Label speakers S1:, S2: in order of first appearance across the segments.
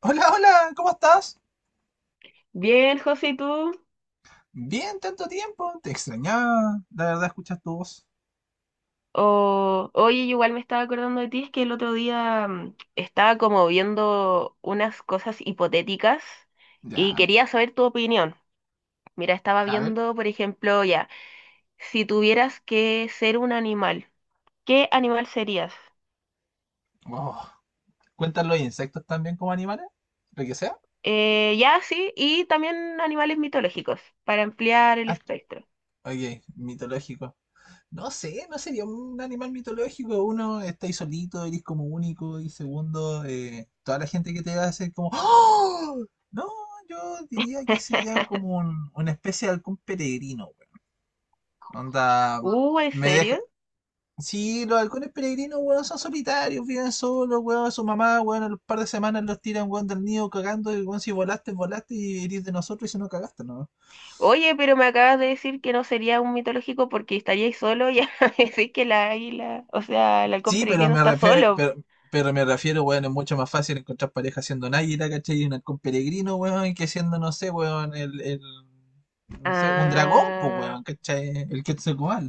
S1: Hola, hola, ¿cómo estás?
S2: Bien, José, ¿y tú?
S1: Bien, tanto tiempo. Te extrañaba, la verdad, escuchas tu voz.
S2: Oye, yo igual me estaba acordando de ti, es que el otro día estaba como viendo unas cosas hipotéticas y
S1: Ya,
S2: quería saber tu opinión. Mira, estaba
S1: a ver.
S2: viendo, por ejemplo, ya, si tuvieras que ser un animal, ¿qué animal serías?
S1: Oh, ¿Cuentan los insectos también como animales? ¿Lo que sea?
S2: Ya, sí, y también animales mitológicos, para ampliar el
S1: Ah,
S2: espectro.
S1: ok, mitológico. No sé, no sería un animal mitológico. Uno, estáis solito, eres como único. Y segundo, toda la gente que te hace como ¡Oh! No, yo diría que sería como una especie de halcón peregrino, güey. Onda,
S2: ¿En
S1: me deja.
S2: serio?
S1: Sí, los halcones peregrinos, weón, son solitarios, viven solos, weón, su mamá, weón, a los par de semanas los tiran, weón, del nido cagando, y weón, si volaste, volaste y eres de nosotros y si no cagaste, ¿no?
S2: Oye, pero me acabas de decir que no sería un mitológico porque estaríais solo y ahora me decís que la águila, o sea, el halcón
S1: Sí, pero
S2: peregrino
S1: me
S2: está
S1: refiero,
S2: solo.
S1: weón, es mucho más fácil encontrar pareja siendo un águila, ¿cachai? Y un halcón peregrino, weón, que siendo, no sé, weón, el, no sé, un dragón, pues,
S2: Ah,
S1: weón, ¿cachai? El Quetzalcóatl.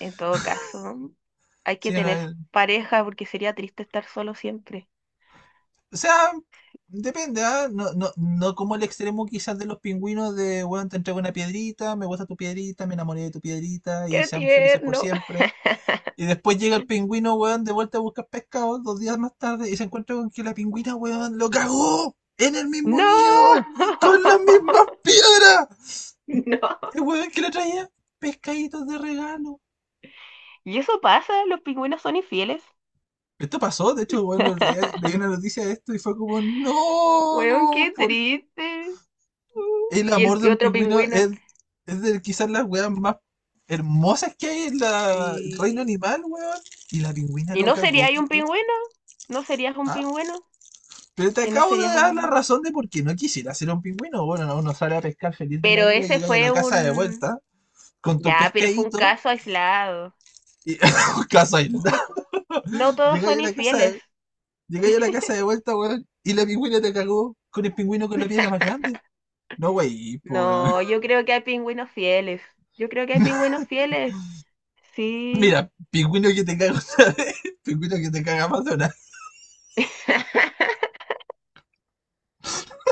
S2: en todo caso, hay que
S1: Sí,
S2: tener
S1: no,
S2: pareja porque sería triste estar solo siempre.
S1: o sea, depende, ¿ah? No, no, no como el extremo quizás de los pingüinos de, bueno, te entrego una piedrita, me gusta tu piedrita, me enamoré de tu piedrita y
S2: ¡Qué
S1: seamos felices por
S2: tierno!
S1: siempre. Y después llega el pingüino, weón, de vuelta a buscar pescado 2 días más tarde y se encuentra con que la pingüina, weón, lo cagó en el mismo
S2: ¡No!
S1: nido, con las mismas piedras.
S2: ¡No!
S1: El weón que le traía pescaditos de regalo.
S2: ¿Y eso pasa? ¿Los pingüinos son infieles?
S1: Esto pasó, de hecho, bueno, leí una noticia de esto y fue como,
S2: Weón,
S1: no,
S2: qué
S1: por
S2: triste.
S1: el
S2: Y el
S1: amor de un
S2: otro
S1: pingüino
S2: pingüino.
S1: es de quizás las weas más hermosas que hay en la el reino
S2: Sí.
S1: animal, weón. Y la pingüina
S2: ¿Y
S1: lo
S2: no sería
S1: cagó,
S2: ahí
S1: pues,
S2: un
S1: weón.
S2: pingüino? ¿No serías un
S1: Ah,
S2: pingüino?
S1: pero te
S2: Que no
S1: acabo de
S2: serías
S1: dar la
S2: un...
S1: razón de por qué no quisiera ser un pingüino. Bueno, no, uno sale a pescar feliz de la
S2: Pero
S1: vida,
S2: ese
S1: llegáis a la
S2: fue
S1: casa de
S2: un...
S1: vuelta con tu
S2: Ya, pero fue un
S1: pescadito.
S2: caso aislado.
S1: Y, casa aislada.
S2: No todos
S1: Llegáis
S2: son
S1: a la casa
S2: infieles.
S1: de, llegáis a la casa de vuelta, weón. Y la pingüina te cagó con el pingüino con la piedra más grande. No, wey, pues
S2: No, yo creo que hay pingüinos fieles. Yo creo que hay pingüinos fieles. Sí.
S1: mira, pingüino que te caga una vez, pingüino que te caga más de una.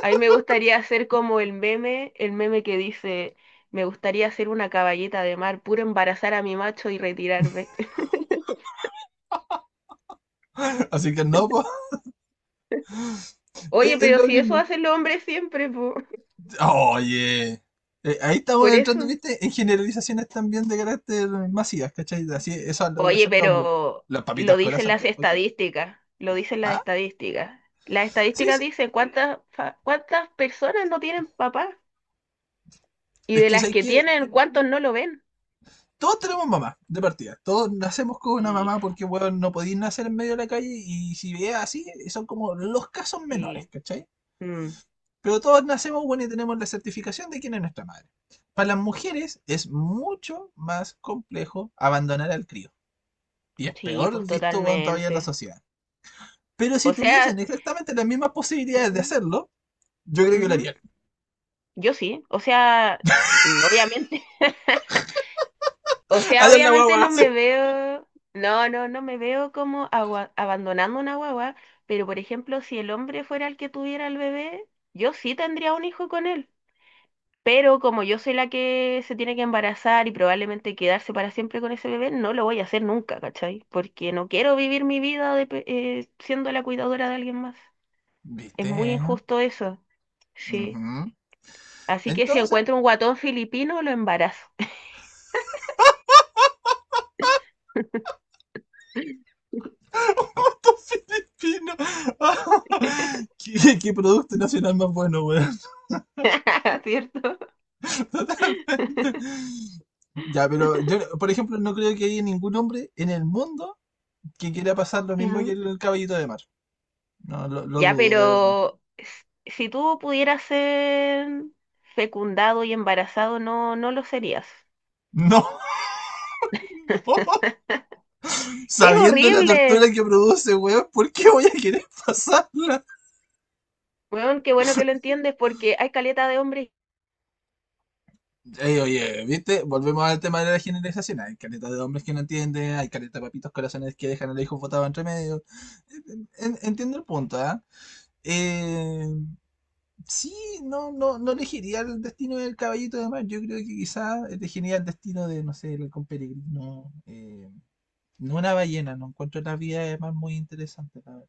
S2: A mí me gustaría hacer como el meme que dice, me gustaría ser una caballeta de mar, puro embarazar a mi macho y retirarme.
S1: Así que no, po,
S2: Oye,
S1: es
S2: pero
S1: lo
S2: si eso
S1: mismo.
S2: hacen los hombres siempre, po,
S1: Oye. Ahí estamos
S2: por eso.
S1: entrando, ¿viste? En generalizaciones también de carácter masivas, ¿cachai? Así, eso lo voy a
S2: Oye,
S1: hacer los hombres.
S2: pero
S1: Los
S2: lo
S1: papitos
S2: dicen
S1: corazón,
S2: las
S1: ya, ¿ok?
S2: estadísticas, lo dicen las
S1: Ah,
S2: estadísticas. Las
S1: sí,
S2: estadísticas
S1: sí.
S2: dicen cuántas, cuántas personas no tienen papá y
S1: Es
S2: de
S1: que
S2: las
S1: sabes
S2: que
S1: que
S2: tienen, cuántos no lo ven.
S1: todos tenemos mamá, de partida. Todos nacemos con una
S2: Sí,
S1: mamá porque, bueno, no podéis nacer en medio de la calle y si veas así, son como los casos menores,
S2: sí,
S1: ¿cachai?
S2: mm,
S1: Pero todos nacemos, bueno, y tenemos la certificación de quién es nuestra madre. Para las mujeres es mucho más complejo abandonar al crío. Y es
S2: sí, pues
S1: peor visto, weón, todavía en la
S2: totalmente.
S1: sociedad. Pero
S2: O
S1: si tuviesen
S2: sea,
S1: exactamente las mismas posibilidades de
S2: ujú,
S1: hacerlo, yo creo que lo
S2: ujú,
S1: harían.
S2: yo sí, o sea, obviamente. O sea,
S1: Adiós la
S2: obviamente
S1: guagua.
S2: no
S1: Sí.
S2: me veo, no me veo como abandonando una guagua, pero por ejemplo, si el hombre fuera el que tuviera el bebé, yo sí tendría un hijo con él. Pero como yo soy la que se tiene que embarazar y probablemente quedarse para siempre con ese bebé, no lo voy a hacer nunca, ¿cachai? Porque no quiero vivir mi vida de siendo la cuidadora de alguien más. Es
S1: ¿Viste?
S2: muy injusto eso, sí.
S1: Ujú.
S2: Así que si
S1: Entonces,
S2: encuentro un guatón filipino, lo embarazo.
S1: ¿cuántos filipinos? ¿Qué producto nacional más bueno, weón?
S2: ¿Cierto?
S1: Ya, pero yo, por ejemplo, no creo que haya ningún hombre en el mundo que quiera pasar lo mismo que
S2: Ujú.
S1: el caballito de mar. No, lo
S2: Ya,
S1: dudo, de verdad.
S2: pero si tú pudieras ser fecundado y embarazado, no lo serías.
S1: No, no.
S2: Es
S1: Sabiendo la
S2: horrible.
S1: tortura que produce, weón, ¿por qué voy a querer pasarla?
S2: Bueno, qué bueno que lo entiendes porque hay caleta de hombres.
S1: Ey, oye, ¿viste? Volvemos al tema de la generalización. Hay caretas de hombres que no entienden, hay caretas de papitos corazones que dejan al hijo votado entre medio. Entiendo el punto, ¿ah? Eh, sí, no, no, no elegiría el destino del caballito de mar. Yo creo que quizás elegiría el destino de, no sé, el halcón peregrino. No una ballena, no encuentro las vías de mar muy interesante. La verdad.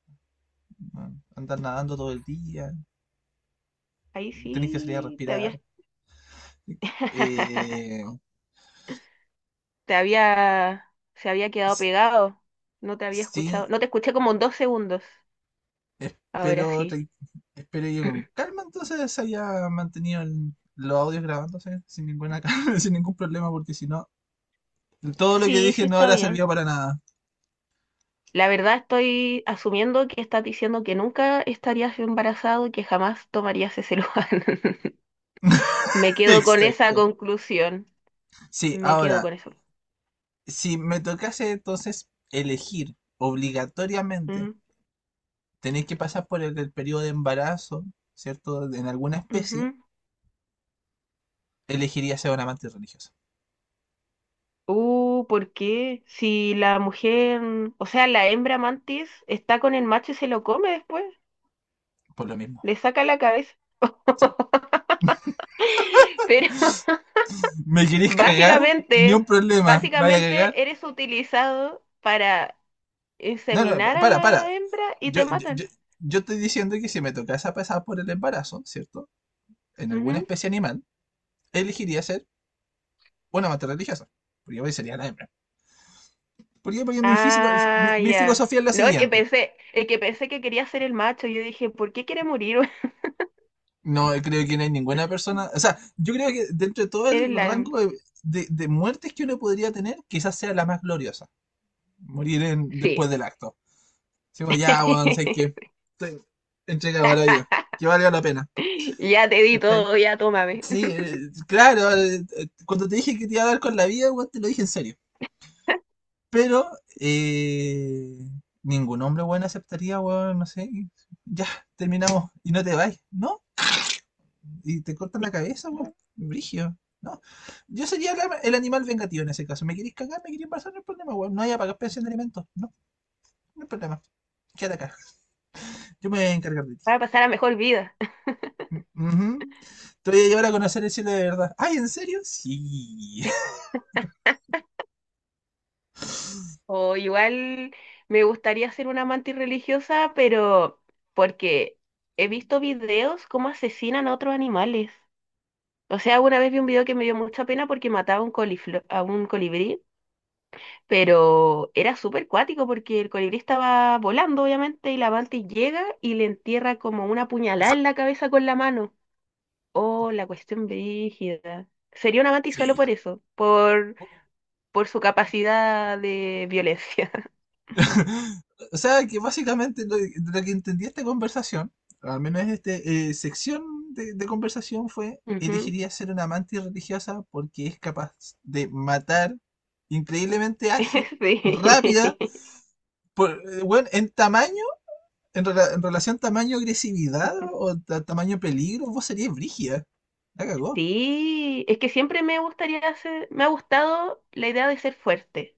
S1: Andar nadando todo el día,
S2: Ahí
S1: tenés que salir a
S2: sí te
S1: respirar.
S2: había,
S1: Eh,
S2: te había, se había quedado
S1: s-
S2: pegado. No te había
S1: sí,
S2: escuchado. No te escuché como en 2 segundos. Ahora
S1: espero, tra-
S2: sí.
S1: espero que con calma entonces se haya mantenido los audios grabándose sin ninguna calma, sin ningún problema, porque si no, todo lo que
S2: Sí,
S1: dije
S2: sí
S1: no
S2: está
S1: habrá
S2: bien.
S1: servido para nada.
S2: La verdad estoy asumiendo que estás diciendo que nunca estarías embarazado y que jamás tomarías ese lugar. Me quedo con esa
S1: Exacto.
S2: conclusión.
S1: Sí,
S2: Me quedo
S1: ahora,
S2: con eso.
S1: si me tocase entonces elegir obligatoriamente,
S2: Ujú,
S1: tenéis que pasar por el periodo de embarazo, ¿cierto? En alguna especie,
S2: ujú.
S1: elegiría ser un amante religioso,
S2: ¿Por qué? Si la mujer, o sea, la hembra mantis está con el macho y se lo come después,
S1: por lo mismo.
S2: le saca la cabeza.
S1: Sí.
S2: Pero
S1: ¿Me queréis cagar? Ni
S2: básicamente,
S1: un problema. ¿Me vaya a cagar?
S2: básicamente eres utilizado para
S1: No, no,
S2: inseminar a
S1: para, para.
S2: la hembra y
S1: Yo,
S2: te
S1: yo,
S2: matan.
S1: yo- yo estoy diciendo que si me tocase a pasar por el embarazo, ¿cierto? En alguna
S2: Ujú.
S1: especie animal, elegiría ser una mater religiosa. Porque hoy sería la hembra. ¿Por qué? Porque mi, filo- mi-
S2: Ah,
S1: mi
S2: ya.
S1: filosofía es la
S2: No,
S1: siguiente.
S2: es que pensé que quería ser el macho. Yo dije, ¿por qué quiere morir?
S1: No, creo que no hay ninguna persona. O sea, yo creo que dentro de todo el
S2: Eres la hembra.
S1: rango de, de muertes que uno podría tener, quizás sea la más gloriosa. Morir
S2: Sí.
S1: después del acto. Digo, ya, weón, sé que estoy entregado a la vida. Que valga la pena.
S2: Ya te di
S1: ¿Cachai?
S2: todo, ya tómame.
S1: Sí, claro, cuando te dije que te iba a dar con la vida, weón, te lo dije en serio. Pero eh, ningún hombre, weón, aceptaría, weón, no sé, y ya, terminamos y no te vais, ¿no? Y te cortan la cabeza, weón, brigio, ¿no? Yo sería el animal vengativo en ese caso. ¿Me queréis cagar? ¿Me queréis embarazar? No hay problema, weón. No hay a pagar pensión de alimentos, no, no hay problema. Quédate acá, yo me voy a encargar de ti.
S2: Para pasar a mejor vida.
S1: Mm, ujú. Te voy a llevar a conocer el cielo de verdad. ¿Ay, en serio? Sí,
S2: O igual me gustaría ser una amante religiosa, pero porque he visto videos cómo asesinan a otros animales. O sea, una vez vi un video que me dio mucha pena porque mataba a un a un colibrí, pero era súper cuático porque el colibrí estaba volando, obviamente, y la amante llega y le entierra como una puñalada en la cabeza con la mano. Oh, la cuestión brígida. Sería un amante y solo
S1: sí.
S2: por eso, por su capacidad de violencia.
S1: O sea, que básicamente lo que entendí esta conversación, al menos esta sección de conversación, fue:
S2: Ujú.
S1: elegiría ser una amante religiosa porque es capaz de matar increíblemente ágil, rápida,
S2: Sí.
S1: por, bueno, en tamaño, en relación tamaño-agresividad o tamaño-peligro, vos serías brígida. La cagó.
S2: Sí, es que siempre me gustaría hacer, me ha gustado la idea de ser fuerte.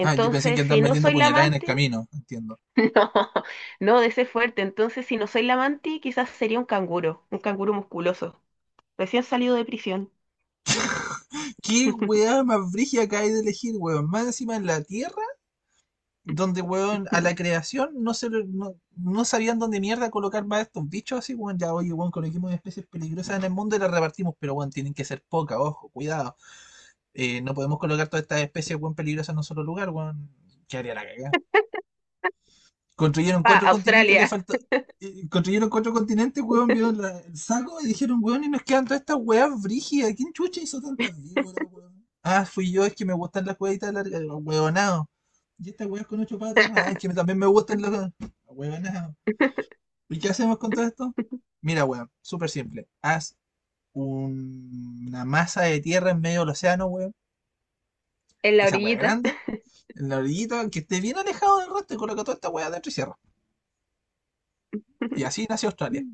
S1: Ah, yo pensé que
S2: si
S1: andan
S2: no
S1: metiendo
S2: soy la
S1: puñaladas en el
S2: amante,
S1: camino, entiendo.
S2: no, no, de ser fuerte. Entonces, si no soy la amante, quizás sería un canguro musculoso, recién salido de prisión.
S1: ¿Qué weá más brígida que hay de elegir, weón? Más encima en la tierra donde, weón, a la creación no, se, lo- no, no sabían dónde mierda colocar más estos bichos así, weón. Ya, oye, weón, coloquemos especies peligrosas en el mundo y las repartimos, pero, weón, tienen que ser pocas, ojo, cuidado. No podemos colocar todas estas especies, weón, peligrosas en un solo lugar, weón. ¿Qué haría la cagada? Construyeron
S2: Pa,
S1: cuatro continentes, le
S2: Australia,
S1: faltó. Construyeron cuatro continentes, weón, vieron el saco y dijeron, weón, y nos quedan todas estas weas brígidas. ¿Quién chucha hizo tantas víboras, weón? Ah, fui yo, es que me gustan las huevitas largas, los huevonados. Y estas weas con ocho patas, ah, es que también me gustan los huevonados. ¿Y qué hacemos con todo esto? Mira, weón, súper simple. Haz una masa de tierra en medio del océano, weón.
S2: en la
S1: Esa wea
S2: orillita.
S1: grande, en la orillita, que esté bien alejado del resto y coloca toda esta wea dentro y cierra. Y así nació Australia.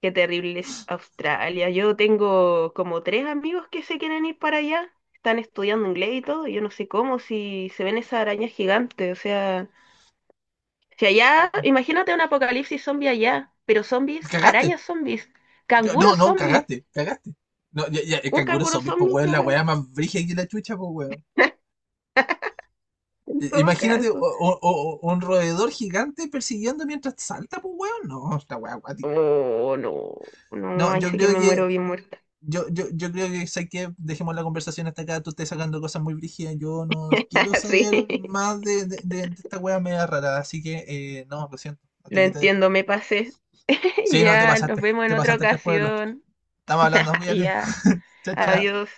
S2: Qué terrible es Australia. Yo tengo como 3 amigos que se quieren ir para allá. Están estudiando inglés y todo. Y yo no sé cómo, si se ven esas arañas gigantes. O sea, si allá, imagínate un apocalipsis zombie allá, pero zombies,
S1: Cagaste.
S2: arañas zombies,
S1: No,
S2: canguros
S1: no,
S2: zombies.
S1: cagaste, cagaste. No, ya, ya, el
S2: Un
S1: canguro
S2: canguro
S1: zombie, pues,
S2: zombie
S1: weón,
S2: ya
S1: la
S2: acá,
S1: weá más brígida que la chucha, pues, weón.
S2: en todo
S1: Imagínate o-
S2: caso.
S1: o- o- o un roedor gigante persiguiendo mientras salta, pues, weón. No, esta weá acuática.
S2: Oh, no.
S1: No,
S2: No, ahí
S1: yo
S2: sí que
S1: creo
S2: me muero
S1: que.
S2: bien muerta.
S1: Yo creo que, sé que dejemos la conversación hasta acá, tú estás sacando cosas muy brígidas, yo no quiero
S2: Sí,
S1: saber más de, de esta weá media rara, así que, no, lo siento, hasta
S2: lo
S1: aquí te dejo.
S2: entiendo, me pasé.
S1: Sí, no, te
S2: Ya, nos
S1: pasaste,
S2: vemos en
S1: te
S2: otra
S1: pasaste tres pueblos.
S2: ocasión.
S1: Estamos hablando, cuídate.
S2: Ya,
S1: Chao, chao.
S2: adiós.